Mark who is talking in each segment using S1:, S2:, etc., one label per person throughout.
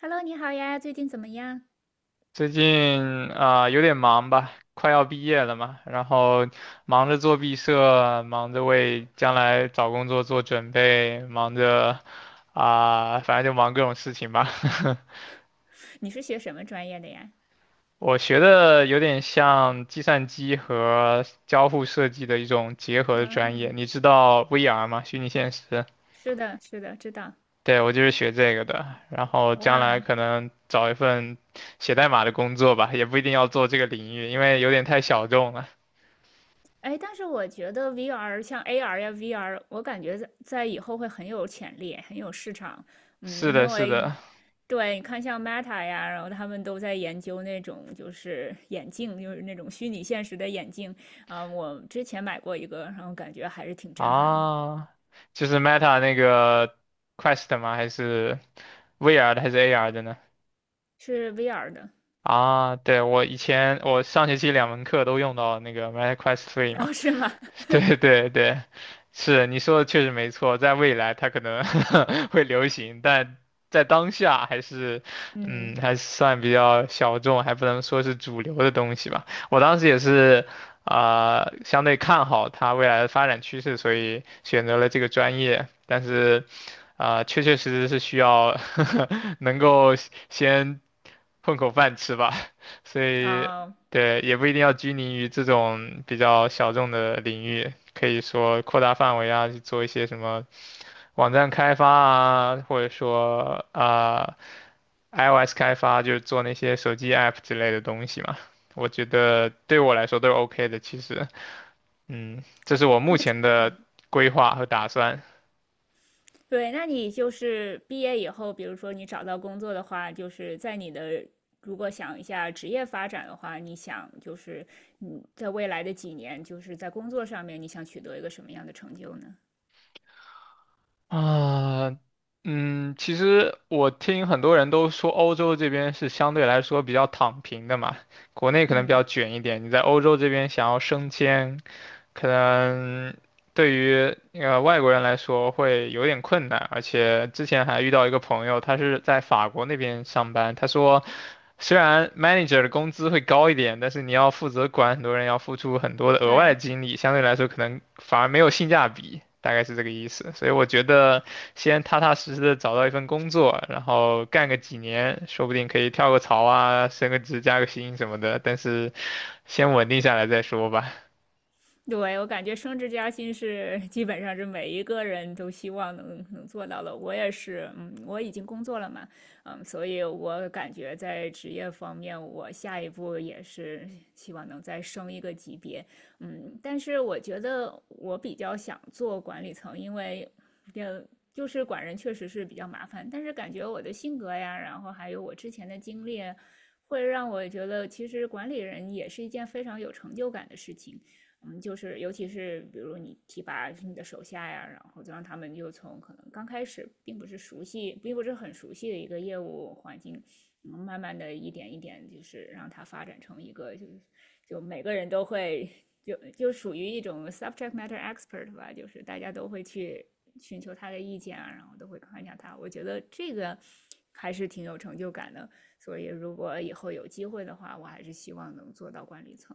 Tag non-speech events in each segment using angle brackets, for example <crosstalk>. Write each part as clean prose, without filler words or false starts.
S1: Hello，你好呀，最近怎么样？
S2: 最近有点忙吧，快要毕业了嘛，然后忙着做毕设，忙着为将来找工作做准备，忙着反正就忙各种事情吧。<laughs>
S1: 你是学什么专业的呀？
S2: 我学的有点像计算机和交互设计的一种结合的
S1: 啊，
S2: 专业，你知道 VR 吗？虚拟现实。
S1: 是的，是的，知道。
S2: 对，我就是学这个的，然后将来
S1: 哇，
S2: 可能找一份写代码的工作吧，也不一定要做这个领域，因为有点太小众了。
S1: 哎，但是我觉得 VR 像 AR 呀，VR,我感觉在以后会很有潜力，很有市场。
S2: 是
S1: 嗯，
S2: 的，
S1: 因
S2: 是
S1: 为
S2: 的，
S1: 对，你看像 Meta 呀，然后他们都在研究那种就是眼镜，就是那种虚拟现实的眼镜。我之前买过一个，然后感觉还是挺震撼的，
S2: 啊，就是 Meta 那个 Quest 吗？还是 VR 的还是 AR 的呢？
S1: 是 VR 的。
S2: 啊，对，我以前我上学期两门课都用到那个 MetaQuest e 嘛，
S1: 哦，是吗？
S2: <laughs>
S1: <laughs>
S2: 对对对，是你说的确实没错，在未来它可能 <laughs> 会流行，但在当下还是，
S1: 嗯，
S2: 嗯，还算比较小众，还不能说是主流的东西吧。我当时也是，相对看好它未来的发展趋势，所以选择了这个专业，但是。确确实实是需要 <laughs> 能够先混口饭吃吧，<laughs> 所以
S1: 啊。
S2: 对，也不一定要拘泥于这种比较小众的领域，可以说扩大范围啊，去做一些什么网站开发啊，或者说iOS 开发，就是做那些手机 app 之类的东西嘛。我觉得对我来说都是 OK 的，其实，嗯，这是我目前的
S1: 嗯
S2: 规划和打算。
S1: 对，那你就是毕业以后，比如说你找到工作的话，就是在你的如果想一下职业发展的话，你想就是你在未来的几年，就是在工作上面，你想取得一个什么样的成就呢？
S2: 啊，嗯，其实我听很多人都说欧洲这边是相对来说比较躺平的嘛，国内可能比
S1: 嗯，
S2: 较卷一点。你在欧洲这边想要升迁，可能对于外国人来说会有点困难，而且之前还遇到一个朋友，他是在法国那边上班，他说虽然 manager 的工资会高一点，但是你要负责管很多人，要付出很多的额外的
S1: 对。
S2: 精力，相对来说可能反而没有性价比，大概是这个意思。所以我觉得先踏踏实实的找到一份工作，然后干个几年，说不定可以跳个槽啊，升个职、加个薪什么的，但是先稳定下来再说吧。
S1: 对，我感觉升职加薪是基本上是每一个人都希望能做到的。我也是，嗯，我已经工作了嘛，嗯，所以我感觉在职业方面，我下一步也是希望能再升一个级别，嗯，但是我觉得我比较想做管理层，因为，呃，就是管人确实是比较麻烦，但是感觉我的性格呀，然后还有我之前的经历，会让我觉得其实管理人也是一件非常有成就感的事情。嗯，就是尤其是比如你提拔你的手下呀，然后就让他们就从可能刚开始并不是熟悉，并不是很熟悉的一个业务环境，嗯，慢慢的一点一点，就是让它发展成一个就是就每个人都会就属于一种 subject matter expert 吧，就是大家都会去寻求他的意见啊，然后都会看一下他，我觉得这个还是挺有成就感的。所以如果以后有机会的话，我还是希望能做到管理层。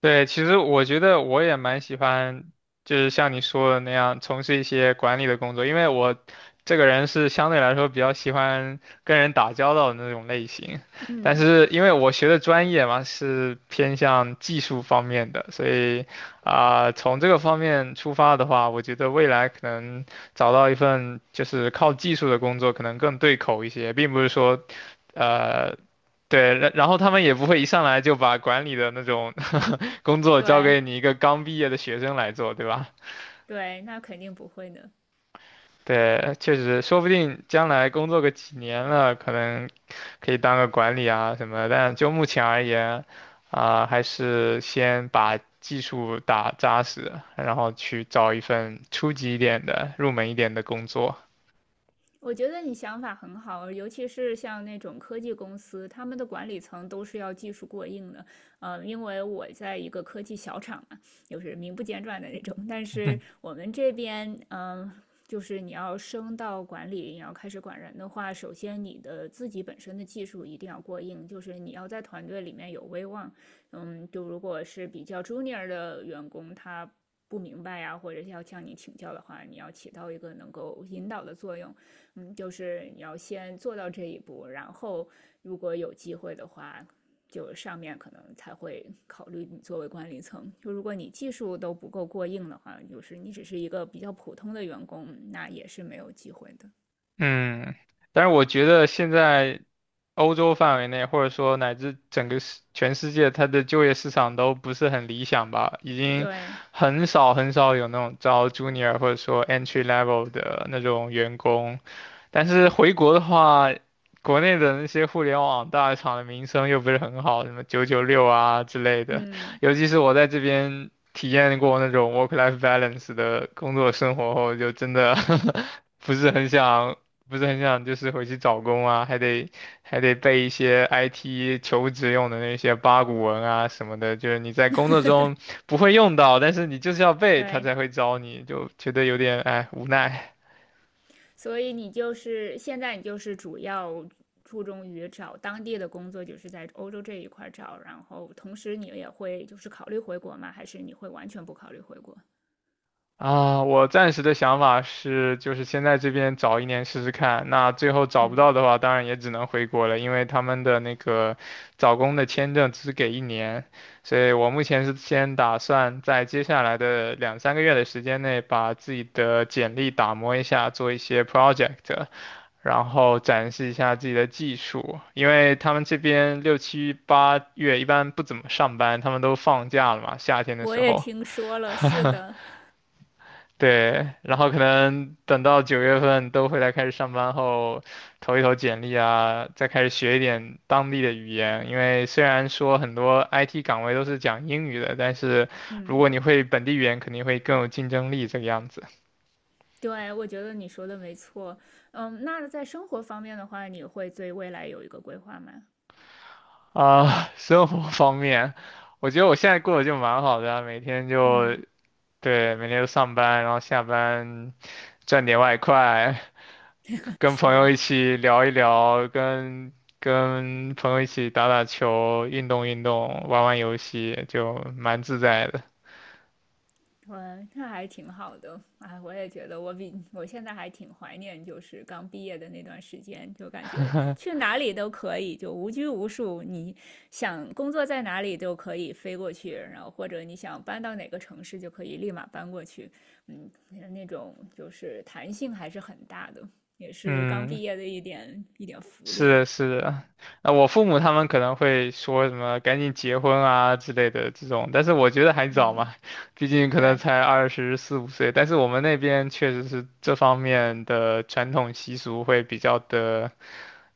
S2: 对，其实我觉得我也蛮喜欢，就是像你说的那样，从事一些管理的工作，因为我这个人是相对来说比较喜欢跟人打交道的那种类型。但
S1: 嗯，
S2: 是因为我学的专业嘛，是偏向技术方面的，所以从这个方面出发的话，我觉得未来可能找到一份就是靠技术的工作，可能更对口一些，并不是说呃。对，然后他们也不会一上来就把管理的那种工作交
S1: 对。
S2: 给你一个刚毕业的学生来做，对吧？
S1: 对，那肯定不会呢。
S2: 对，确实，说不定将来工作个几年了，可能可以当个管理啊什么的。但就目前而言，还是先把技术打扎实，然后去找一份初级一点的、入门一点的工作。
S1: 我觉得你想法很好，尤其是像那种科技公司，他们的管理层都是要技术过硬的。呃，因为我在一个科技小厂嘛，就是名不见传的那种。但是
S2: <laughs>
S1: 我们这边，就是你要升到管理，你要开始管人的话，首先你的自己本身的技术一定要过硬，就是你要在团队里面有威望。嗯，就如果是比较 junior 的员工，他不明白呀,或者是要向你请教的话，你要起到一个能够引导的作用。嗯，就是你要先做到这一步，然后如果有机会的话，就上面可能才会考虑你作为管理层。就如果你技术都不够过硬的话，就是你只是一个比较普通的员工，那也是没有机会的。
S2: 嗯，但是我觉得现在欧洲范围内，或者说乃至整个全世界，它的就业市场都不是很理想吧，已经
S1: 对，
S2: 很少很少有那种招 junior 或者说 entry level 的那种员工。但是回国的话，国内的那些互联网大厂的名声又不是很好，什么996啊之类的，
S1: 嗯，
S2: 尤其是我在这边体验过那种 work-life balance 的工作生活后，就真的 <laughs> 不是很想。不是很想就是回去找工啊，还得背一些 IT 求职用的那些八股文啊什么的，就是你在工作中不会用到，但是你就是要背，他
S1: 对，
S2: 才会招你，就觉得有点哎无奈。
S1: 所以你就是现在你就是主要注重于找当地的工作，就是在欧洲这一块找，然后同时你也会就是考虑回国吗？还是你会完全不考虑回国？
S2: 啊，我暂时的想法是，就是先在这边找一年试试看。那最后找不
S1: 嗯。
S2: 到的话，当然也只能回国了，因为他们的那个找工的签证只给一年，所以我目前是先打算在接下来的两三个月的时间内，把自己的简历打磨一下，做一些 project，然后展示一下自己的技术。因为他们这边六七八月一般不怎么上班，他们都放假了嘛，夏天的
S1: 我
S2: 时
S1: 也
S2: 候。
S1: 听说了，是
S2: <laughs>
S1: 的，
S2: 对，然后可能等到9月份都回来开始上班后，投一投简历啊，再开始学一点当地的语言。因为虽然说很多 IT 岗位都是讲英语的，但是如
S1: 嗯，
S2: 果你会本地语言，肯定会更有竞争力这个样子。
S1: 对，我觉得你说的没错。嗯，那在生活方面的话，你会对未来有一个规划吗？
S2: 生活方面，我觉得我现在过得就蛮好的啊每天就
S1: 嗯，
S2: 对，每天就上班，然后下班赚点外快，
S1: <laughs>
S2: 跟
S1: 是
S2: 朋友
S1: 的，
S2: 一起聊一聊，跟朋友一起打打球，运动运动，玩玩游戏，就蛮自在的。
S1: 对，那还挺好的。哎，我也觉得我现在还挺怀念，就是刚毕业的那段时间，就感觉去
S2: <laughs>
S1: 哪里都可以，就无拘无束。你想工作在哪里都可以飞过去，然后或者你想搬到哪个城市就可以立马搬过去。嗯，那种就是弹性还是很大的，也是刚
S2: 嗯，
S1: 毕业的一点一点福
S2: 是
S1: 利。
S2: 的，是的。那我父母他们可能会说什么“赶紧结婚啊”之类的这种，但是我觉得还早
S1: 嗯，
S2: 嘛，<laughs> 毕竟可能
S1: 对，
S2: 才二十四五岁。但是我们那边确实是这方面的传统习俗会比较的。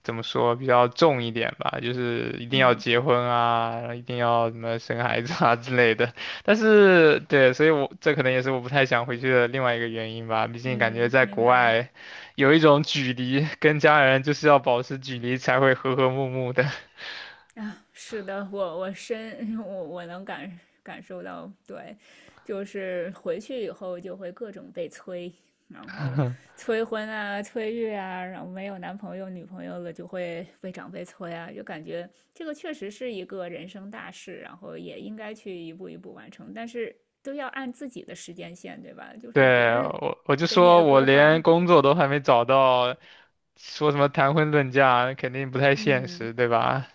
S2: 怎么说比较重一点吧，就是一定要
S1: 嗯
S2: 结婚啊，一定要什么生孩子啊 <laughs> 之类的。但是对，所以我这可能也是我不太想回去的另外一个原因吧。毕竟感觉
S1: 嗯，
S2: 在国
S1: 明白。
S2: 外有一种距离，跟家人就是要保持距离才会和和睦睦的。
S1: 啊，是的，我我深 <laughs> 我能感受到，对，就是回去以后就会各种被催，然后催婚啊、催育啊，然后没有男朋友、女朋友了就会被长辈催啊，就感觉这个确实是一个人生大事，然后也应该去一步一步完成，但是都要按自己的时间线，对吧？就
S2: <laughs>
S1: 是别
S2: 对，
S1: 人
S2: 我就
S1: 给你
S2: 说
S1: 的
S2: 我
S1: 规划，
S2: 连工作都还没找到，说什么谈婚论嫁肯定不太现
S1: 嗯。
S2: 实，对吧？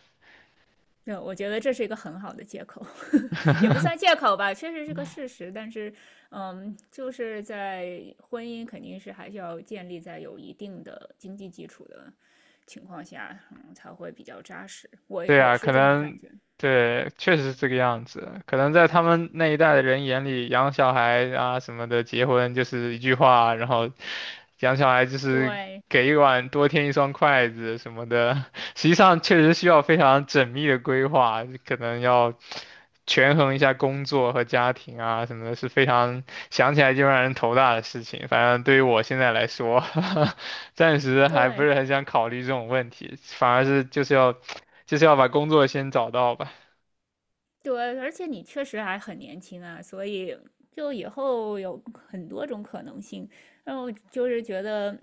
S1: 对，我觉得这是一个很好的借口，<laughs> 也不算
S2: <laughs>
S1: 借口吧，确实是个事实。但是，嗯，就是在婚姻肯定是还是要建立在有一定的经济基础的情况下，嗯，才会比较扎实。我
S2: 对
S1: 我
S2: 啊，可
S1: 是这么感
S2: 能
S1: 觉。
S2: 对，确实是这个样子。可能在他们那一代的人眼里，养小孩啊什么的，结婚就是一句话，然后养小孩就是
S1: 对
S2: 给一碗多添一双筷子什么的。<laughs> 实际上，确实需要非常缜密的规划，可能要权衡一下工作和家庭啊什么的，是非常想起来就让人头大的事情。反正对于我现在来说，<laughs> 暂时还不
S1: 对，
S2: 是很想考虑这种问题，反而是就是要。就是要把工作先找到吧。
S1: 对，而且你确实还很年轻啊，所以就以后有很多种可能性。然后就是觉得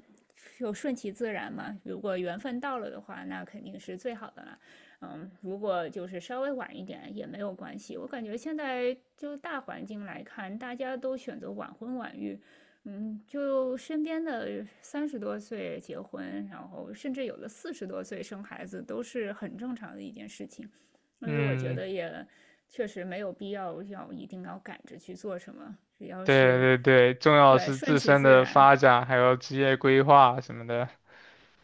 S1: 就顺其自然嘛，如果缘分到了的话，那肯定是最好的了。嗯，如果就是稍微晚一点也没有关系。我感觉现在就大环境来看，大家都选择晚婚晚育。嗯，就身边的三十多岁结婚，然后甚至有的四十多岁生孩子，都是很正常的一件事情。所以我觉
S2: 嗯，
S1: 得也确实没有必要要一定要赶着去做什么，只要
S2: 对
S1: 是
S2: 对对，重要
S1: 对
S2: 是
S1: 顺
S2: 自
S1: 其
S2: 身
S1: 自
S2: 的
S1: 然，
S2: 发展，还有职业规划什么的。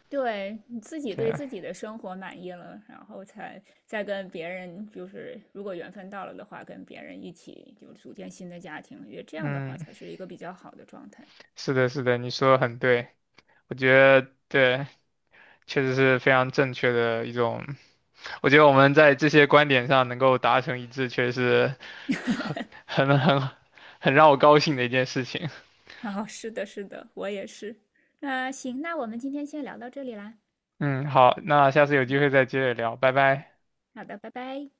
S1: 对你自己对
S2: 对，
S1: 自己的生活满意了，然后才再跟别人，就是如果缘分到了的话，跟别人一起就组建新的家庭，因为这样的话
S2: 嗯，
S1: 才是一个比较好的状态。
S2: 是的，是的，你说的很对，我觉得对，确实是非常正确的一种。我觉得我们在这些观点上能够达成一致，确实很很很很让我高兴的一件事情。
S1: 哦，是的，是的，我也是。那行，那我们今天先聊到这里啦。
S2: 嗯，好，那下次有机会再接着聊，拜拜。
S1: 好的，拜拜。